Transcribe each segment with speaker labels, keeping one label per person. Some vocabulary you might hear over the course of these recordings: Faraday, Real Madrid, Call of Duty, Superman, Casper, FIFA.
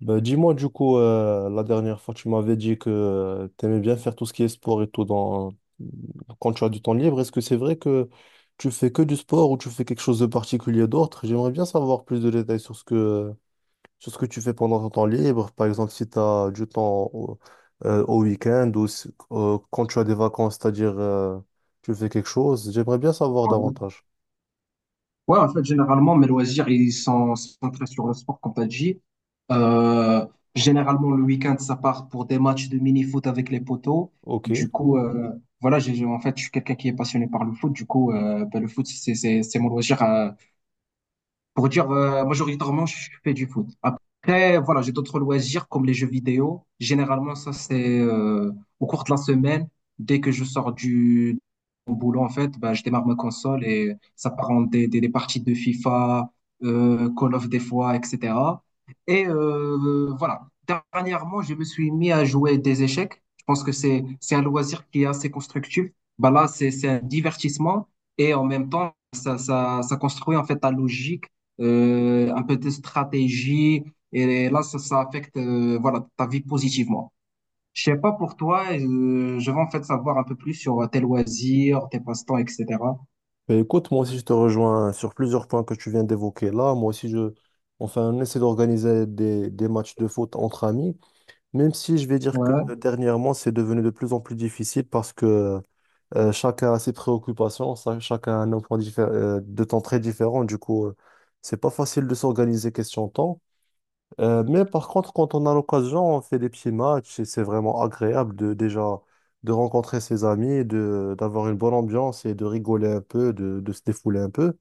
Speaker 1: Bah, dis-moi du coup, la dernière fois tu m'avais dit que tu aimais bien faire tout ce qui est sport et tout dans... quand tu as du temps libre. Est-ce que c'est vrai que tu fais que du sport ou tu fais quelque chose de particulier d'autre? J'aimerais bien savoir plus de détails sur sur ce que tu fais pendant ton temps libre. Par exemple, si tu as du temps au week-end ou quand tu as des vacances, c'est-à-dire tu fais quelque chose. J'aimerais bien savoir
Speaker 2: Ouais,
Speaker 1: davantage.
Speaker 2: Ouais, en fait, généralement, mes loisirs, ils sont centrés sur le sport, comme t'as dit. Euh, Généralement, le week-end, ça part pour des matchs de mini-foot avec les potos.
Speaker 1: Ok.
Speaker 2: Du coup, euh, voilà, en fait, je suis quelqu'un qui est passionné par le foot. Du coup, ben, le foot, c'est mon loisir, pour dire majoritairement je fais du foot. Après, voilà, j'ai d'autres loisirs comme les jeux vidéo. Généralement, ça c'est au cours de la semaine, dès que je sors du au boulot en fait, bah, je démarre ma console et ça part en des parties de FIFA, Call of des fois, etc. Et voilà, dernièrement, je me suis mis à jouer des échecs. Je pense que c'est un loisir qui est assez constructif. Bah là, c'est un divertissement et en même temps, ça construit en fait ta logique, un peu de stratégie. Et là, ça affecte, voilà, ta vie positivement. Je sais pas pour toi, je veux en fait savoir un peu plus sur tes loisirs, tes passe-temps, etc.
Speaker 1: Ben, écoute, moi aussi je te rejoins sur plusieurs points que tu viens d'évoquer là. Moi aussi enfin, on essaie d'organiser des matchs de foot entre amis, même si je vais dire que
Speaker 2: Ouais,
Speaker 1: dernièrement c'est devenu de plus en plus difficile parce que chacun a ses préoccupations, chacun a un emploi de temps très différent. Du coup, c'est pas facile de s'organiser question temps. Mais par contre, quand on a l'occasion, on fait des petits matchs et c'est vraiment agréable de déjà de rencontrer ses amis, de d'avoir une bonne ambiance et de rigoler un peu, de se défouler un peu.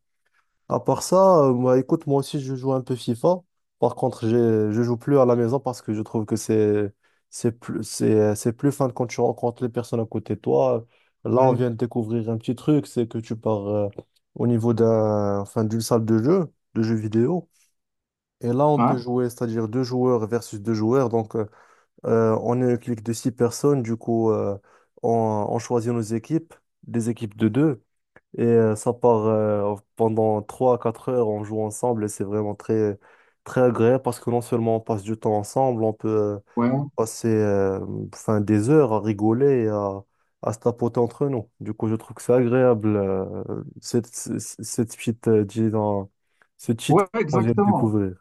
Speaker 1: À part ça, moi, écoute, moi aussi, je joue un peu FIFA. Par contre, je joue plus à la maison parce que je trouve que c'est plus fun quand tu rencontres les personnes à côté de toi. Là, on
Speaker 2: ouais,
Speaker 1: vient de découvrir un petit truc, c'est que tu pars au niveau d'un enfin d'une salle de jeu, de jeux vidéo. Et là, on
Speaker 2: ouais,
Speaker 1: peut jouer, c'est-à-dire deux joueurs versus deux joueurs. Donc, on est une clique de six personnes. Du coup, euh, on choisit nos équipes, des équipes de deux. Et ça part pendant trois à quatre heures. On joue ensemble et c'est vraiment très, très agréable parce que non seulement on passe du temps ensemble, on peut
Speaker 2: ouais,
Speaker 1: passer enfin, des heures à rigoler et à se tapoter entre nous. Du coup, je trouve que c'est agréable, cette petite, disons, ce cheat
Speaker 2: ouais,
Speaker 1: qu'on vient de
Speaker 2: exactement.
Speaker 1: découvrir.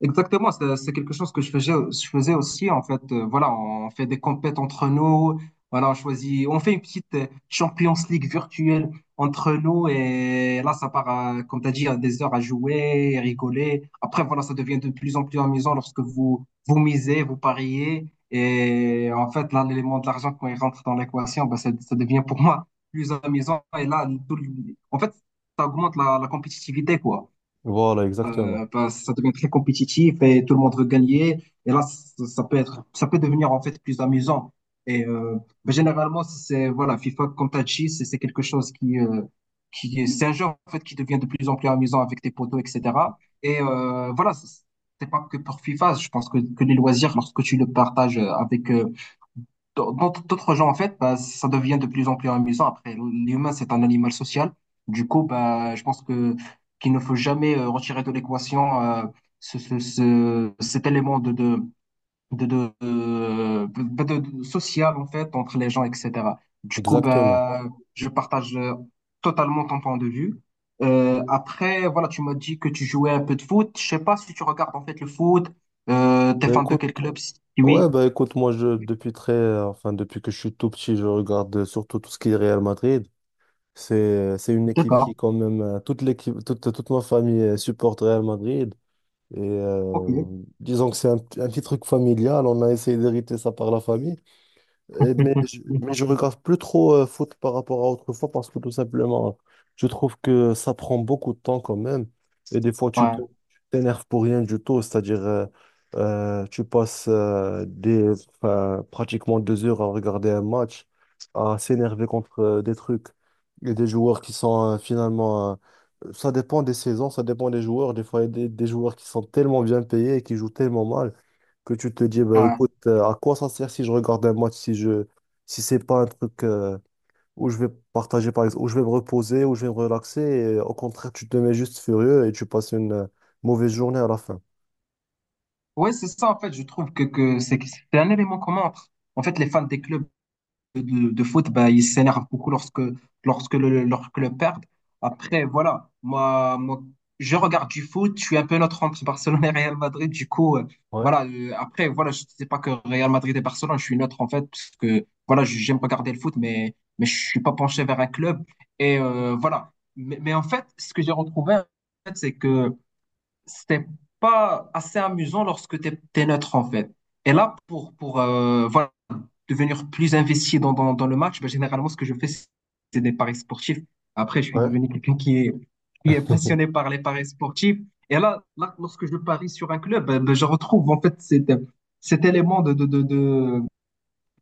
Speaker 2: Exactement, c'est quelque chose que je faisais aussi en fait. Voilà, on fait des compètes entre nous. Voilà, on choisit, on fait une petite Champions League virtuelle entre nous et là ça part, comme tu as dit, à des heures à jouer, rigoler. Après voilà, ça devient de plus en plus amusant lorsque vous vous misez, vous pariez et en fait là l'élément de l'argent quand il rentre dans l'équation, bah, ça devient pour moi plus amusant et là en fait ça augmente la compétitivité quoi.
Speaker 1: Voilà, exactement.
Speaker 2: Ben, ça devient très compétitif et tout le monde veut gagner. Et là, ça peut être, ça peut devenir en fait plus amusant. Et ben, généralement, si c'est voilà, FIFA, comme t'as dit, c'est quelque chose qui, c'est un jeu en fait qui devient de plus en plus amusant avec tes potos, etc. Et voilà, c'est pas que pour FIFA. Je pense que les loisirs, lorsque tu le partages avec dans- d'autres gens, en fait, bah, ça devient de plus en plus amusant. Après, l'humain, c'est un animal social. Du coup, bah, je pense que qu'il ne faut jamais retirer de l'équation cet élément de social, en fait, entre les gens, etc. Du coup,
Speaker 1: Exactement.
Speaker 2: bah, je partage, totalement ton point de vue. Après, voilà, tu m'as dit que tu jouais un peu de foot. Je sais pas si tu regardes, en fait, le foot. T'es
Speaker 1: Ben
Speaker 2: fan de
Speaker 1: écoute,
Speaker 2: quel club? Si
Speaker 1: ouais,
Speaker 2: oui.
Speaker 1: ben écoute, moi je depuis très enfin depuis que je suis tout petit, je regarde surtout tout ce qui est Real Madrid. C'est une équipe qui
Speaker 2: D'accord.
Speaker 1: quand même euh, toute ma famille supporte Real Madrid et
Speaker 2: Ok.
Speaker 1: disons que c'est un petit truc familial, on a essayé d'hériter ça par la famille. Mais mais je regarde plus trop foot par rapport à autrefois parce que tout simplement, je trouve que ça prend beaucoup de temps quand même. Et des fois,
Speaker 2: Ouais,
Speaker 1: tu t'énerves pour rien du tout. C'est-à-dire, tu passes enfin, pratiquement deux heures à regarder un match, à s'énerver contre des trucs et des joueurs qui sont finalement. Ça dépend des saisons, ça dépend des joueurs. Des fois, il y a des joueurs qui sont tellement bien payés et qui jouent tellement mal que tu te dis, bah,
Speaker 2: ouais.
Speaker 1: écoute, à quoi ça sert si je regarde un match, si c'est pas un truc où je vais partager, par exemple, où je vais me reposer, où je vais me relaxer, et, au contraire, tu te mets juste furieux et tu passes une mauvaise journée à la fin.
Speaker 2: Ouais, c'est ça, en fait, je trouve que c'est un élément commun entre. En fait, les fans des clubs de foot, bah, ils s'énervent beaucoup lorsque leur club perd. Après, voilà, je regarde du foot, je suis un peu neutre entre Barcelone et Real Madrid, du coup,
Speaker 1: Ouais,
Speaker 2: voilà, après, voilà, je sais pas que Real Madrid et Barcelone, je suis neutre, en fait, parce que, voilà, je j'aime regarder le foot, mais je suis pas penché vers un club. Et voilà. Mais en fait, ce que j'ai retrouvé, en fait, c'est que c'était pas assez amusant lorsque tu es neutre en fait. Et là, pour voilà, devenir plus investi dans le match, ben, généralement, ce que je fais, c'est des paris sportifs. Après, je suis
Speaker 1: ouais.
Speaker 2: devenu qui est passionné par les paris sportifs. Et là, lorsque je parie sur un club, je retrouve en fait cet élément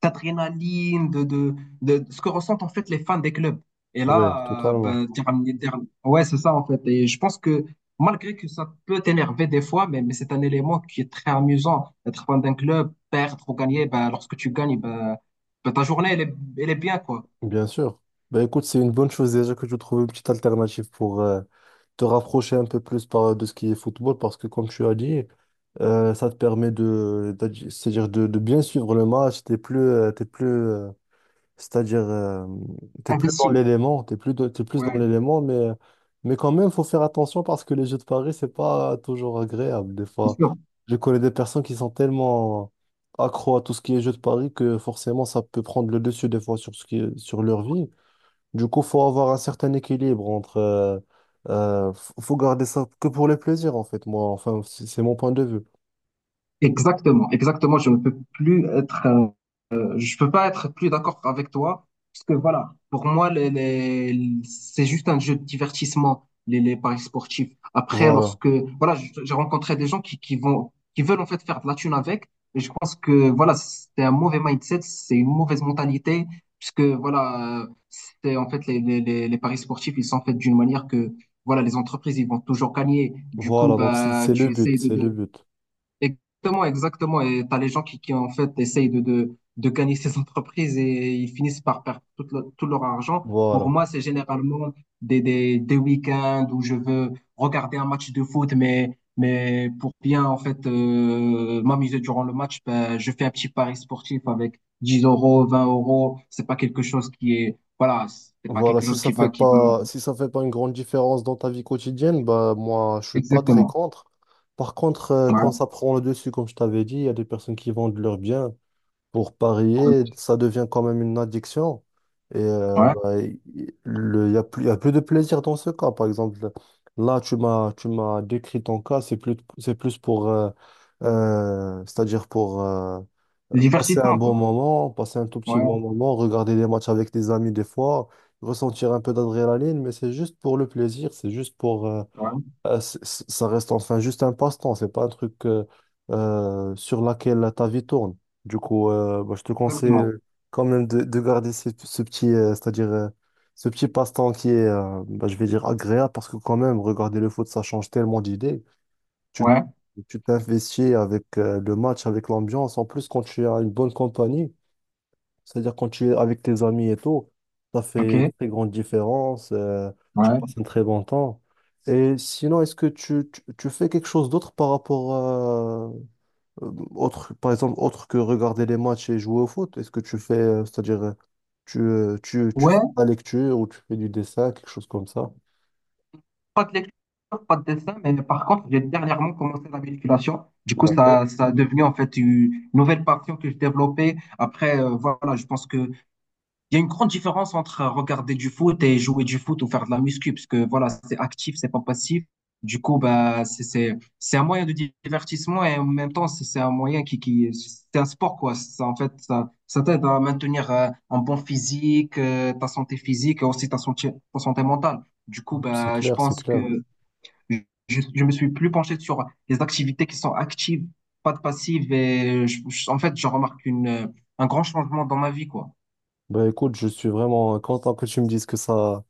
Speaker 2: d'adrénaline, de ce que ressentent en fait les fans des clubs. Et
Speaker 1: Oui,
Speaker 2: là,
Speaker 1: totalement,
Speaker 2: ben, dire- ouais, c'est ça en fait. Et je pense que malgré que ça peut t'énerver des fois, mais c'est un élément qui est très amusant. Être fan d'un club, perdre ou gagner, ben, lorsque tu gagnes, ta journée, elle est bien, quoi.
Speaker 1: bien sûr. Ben écoute, c'est une bonne chose déjà que tu trouves une petite alternative pour te rapprocher un peu plus par, de ce qui est football, parce que comme tu as dit, ça te permet de, c'est-à-dire de bien suivre le match, C'est-à-dire, euh, t'es plus dans
Speaker 2: Investi.
Speaker 1: l'élément, t'es plus dans
Speaker 2: Ouais,
Speaker 1: l'élément, mais quand même, faut faire attention parce que les jeux de paris, c'est pas toujours agréable. Des
Speaker 2: bien
Speaker 1: fois,
Speaker 2: sûr.
Speaker 1: je connais des personnes qui sont tellement accro à tout ce qui est jeux de paris que forcément, ça peut prendre le dessus des fois sur ce qui sur leur vie. Du coup, faut avoir un certain équilibre entre, euh, faut garder ça que pour le plaisir, en fait. Moi, enfin, c'est mon point de vue.
Speaker 2: Exactement, exactement. Je ne peux plus être. Je peux pas être plus d'accord avec toi, parce que voilà, pour moi, c'est juste un jeu de divertissement, les paris sportifs. Après,
Speaker 1: Voilà.
Speaker 2: lorsque, voilà, j'ai rencontré des gens qui veulent en fait faire de la thune avec, et je pense que voilà, c'est un mauvais mindset, c'est une mauvaise mentalité, puisque voilà, c'est en fait les paris sportifs, ils sont faits d'une manière que, voilà, les entreprises, ils vont toujours gagner. Du coup,
Speaker 1: Voilà. Donc, c'est
Speaker 2: bah,
Speaker 1: c'est
Speaker 2: tu
Speaker 1: le but,
Speaker 2: essayes
Speaker 1: c'est le
Speaker 2: de,
Speaker 1: but.
Speaker 2: exactement, exactement. Et t'as les gens qui en fait essayent de gagner ces entreprises et ils finissent par perdre tout, tout leur argent. Pour
Speaker 1: Voilà.
Speaker 2: moi, c'est généralement des week-ends où je veux regarder un match de foot, mais pour bien en fait m'amuser durant le match, ben, je fais un petit pari sportif avec 10 euros, 20 euros. C'est pas quelque chose qui est, voilà, c'est pas
Speaker 1: Voilà,
Speaker 2: quelque
Speaker 1: si
Speaker 2: chose
Speaker 1: ça fait
Speaker 2: qui va.
Speaker 1: pas, si ça fait pas une grande différence dans ta vie quotidienne, bah moi je suis pas très
Speaker 2: Exactement.
Speaker 1: contre. Par contre, quand
Speaker 2: Ouais.
Speaker 1: ça prend le dessus, comme je t'avais dit, il y a des personnes qui vendent leurs biens pour parier, ça devient quand même une addiction. Et
Speaker 2: Ouais.
Speaker 1: bah, il y a plus, il y a plus de plaisir dans ce cas. Par exemple, là tu m'as décrit ton cas, c'est plus pour, c'est-à-dire pour
Speaker 2: Le
Speaker 1: passer un
Speaker 2: divertissement,
Speaker 1: bon
Speaker 2: quoi.
Speaker 1: moment, passer un tout petit bon
Speaker 2: Ouais.
Speaker 1: moment, regarder des matchs avec des amis des fois, ressentir un peu d'adrénaline, mais c'est juste pour le plaisir, c'est juste pour... euh,
Speaker 2: Ouais.
Speaker 1: euh, c- c- ça reste enfin juste un passe-temps, c'est pas un truc sur laquelle ta vie tourne. Du coup, bah, je te conseille
Speaker 2: Exactement.
Speaker 1: quand même de garder ce petit, c'est-à-dire ce petit passe-temps qui est, bah, je vais dire, agréable, parce que quand même, regarder le foot, ça change tellement d'idées tu
Speaker 2: Ouais.
Speaker 1: tu t'investis avec le match, avec l'ambiance. En plus, quand tu as une bonne compagnie, c'est-à-dire quand tu es avec tes amis et tout, ça fait une
Speaker 2: OK.
Speaker 1: très grande différence. Tu passes
Speaker 2: Ouais.
Speaker 1: un très bon temps. Et sinon, est-ce que tu fais quelque chose d'autre par rapport à, autre, par exemple, autre que regarder les matchs et jouer au foot? Est-ce que tu fais, c'est-à-dire, euh, tu
Speaker 2: Ouais,
Speaker 1: fais de la lecture ou tu fais du dessin, quelque chose comme ça?
Speaker 2: pas de lecture, pas de dessin, mais par contre, j'ai dernièrement commencé la musculation. Du coup,
Speaker 1: D'accord.
Speaker 2: ça a devenu en fait une nouvelle passion que je développais. Après, voilà, je pense que Il y a une grande différence entre regarder du foot et jouer du foot ou faire de la muscu, parce que voilà, c'est actif, c'est pas passif. Du coup, bah, c'est un moyen de divertissement et en même temps, c'est un moyen c'est un sport, quoi. Ça, en fait, ça t'aide à maintenir, un bon physique, ta santé physique et aussi ta santé mentale. Du coup,
Speaker 1: C'est
Speaker 2: bah, je
Speaker 1: clair, c'est
Speaker 2: pense que
Speaker 1: clair.
Speaker 2: je me suis plus penché sur les activités qui sont actives, pas de passives et en fait, je remarque une, un grand changement dans ma vie, quoi.
Speaker 1: Bah écoute, je suis vraiment content que tu me dises que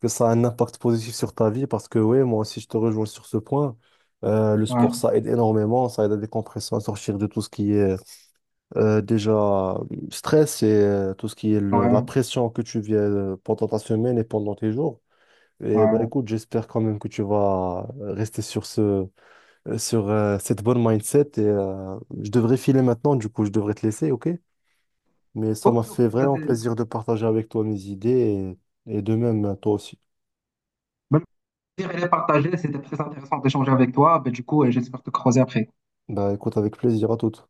Speaker 1: que ça a un impact positif sur ta vie parce que oui, moi aussi je te rejoins sur ce point. Le
Speaker 2: Ouais,
Speaker 1: sport, ça aide énormément, ça aide à décompresser, à sortir de tout ce qui est déjà stress et tout ce qui est la
Speaker 2: ouais,
Speaker 1: pression que tu viens pendant ta semaine et pendant tes jours. Et bah
Speaker 2: ouais.
Speaker 1: écoute, j'espère quand même que tu vas rester sur sur cette bonne mindset et je devrais filer maintenant, du coup je devrais te laisser, ok? Mais ça
Speaker 2: Ok,
Speaker 1: m'a fait
Speaker 2: ok,
Speaker 1: vraiment plaisir de partager avec toi mes idées et de même toi aussi.
Speaker 2: bah, le plaisir il est partagé, c'était très intéressant d'échanger avec toi. Bah, du coup, j'espère te croiser après.
Speaker 1: Bah écoute, avec plaisir à toutes.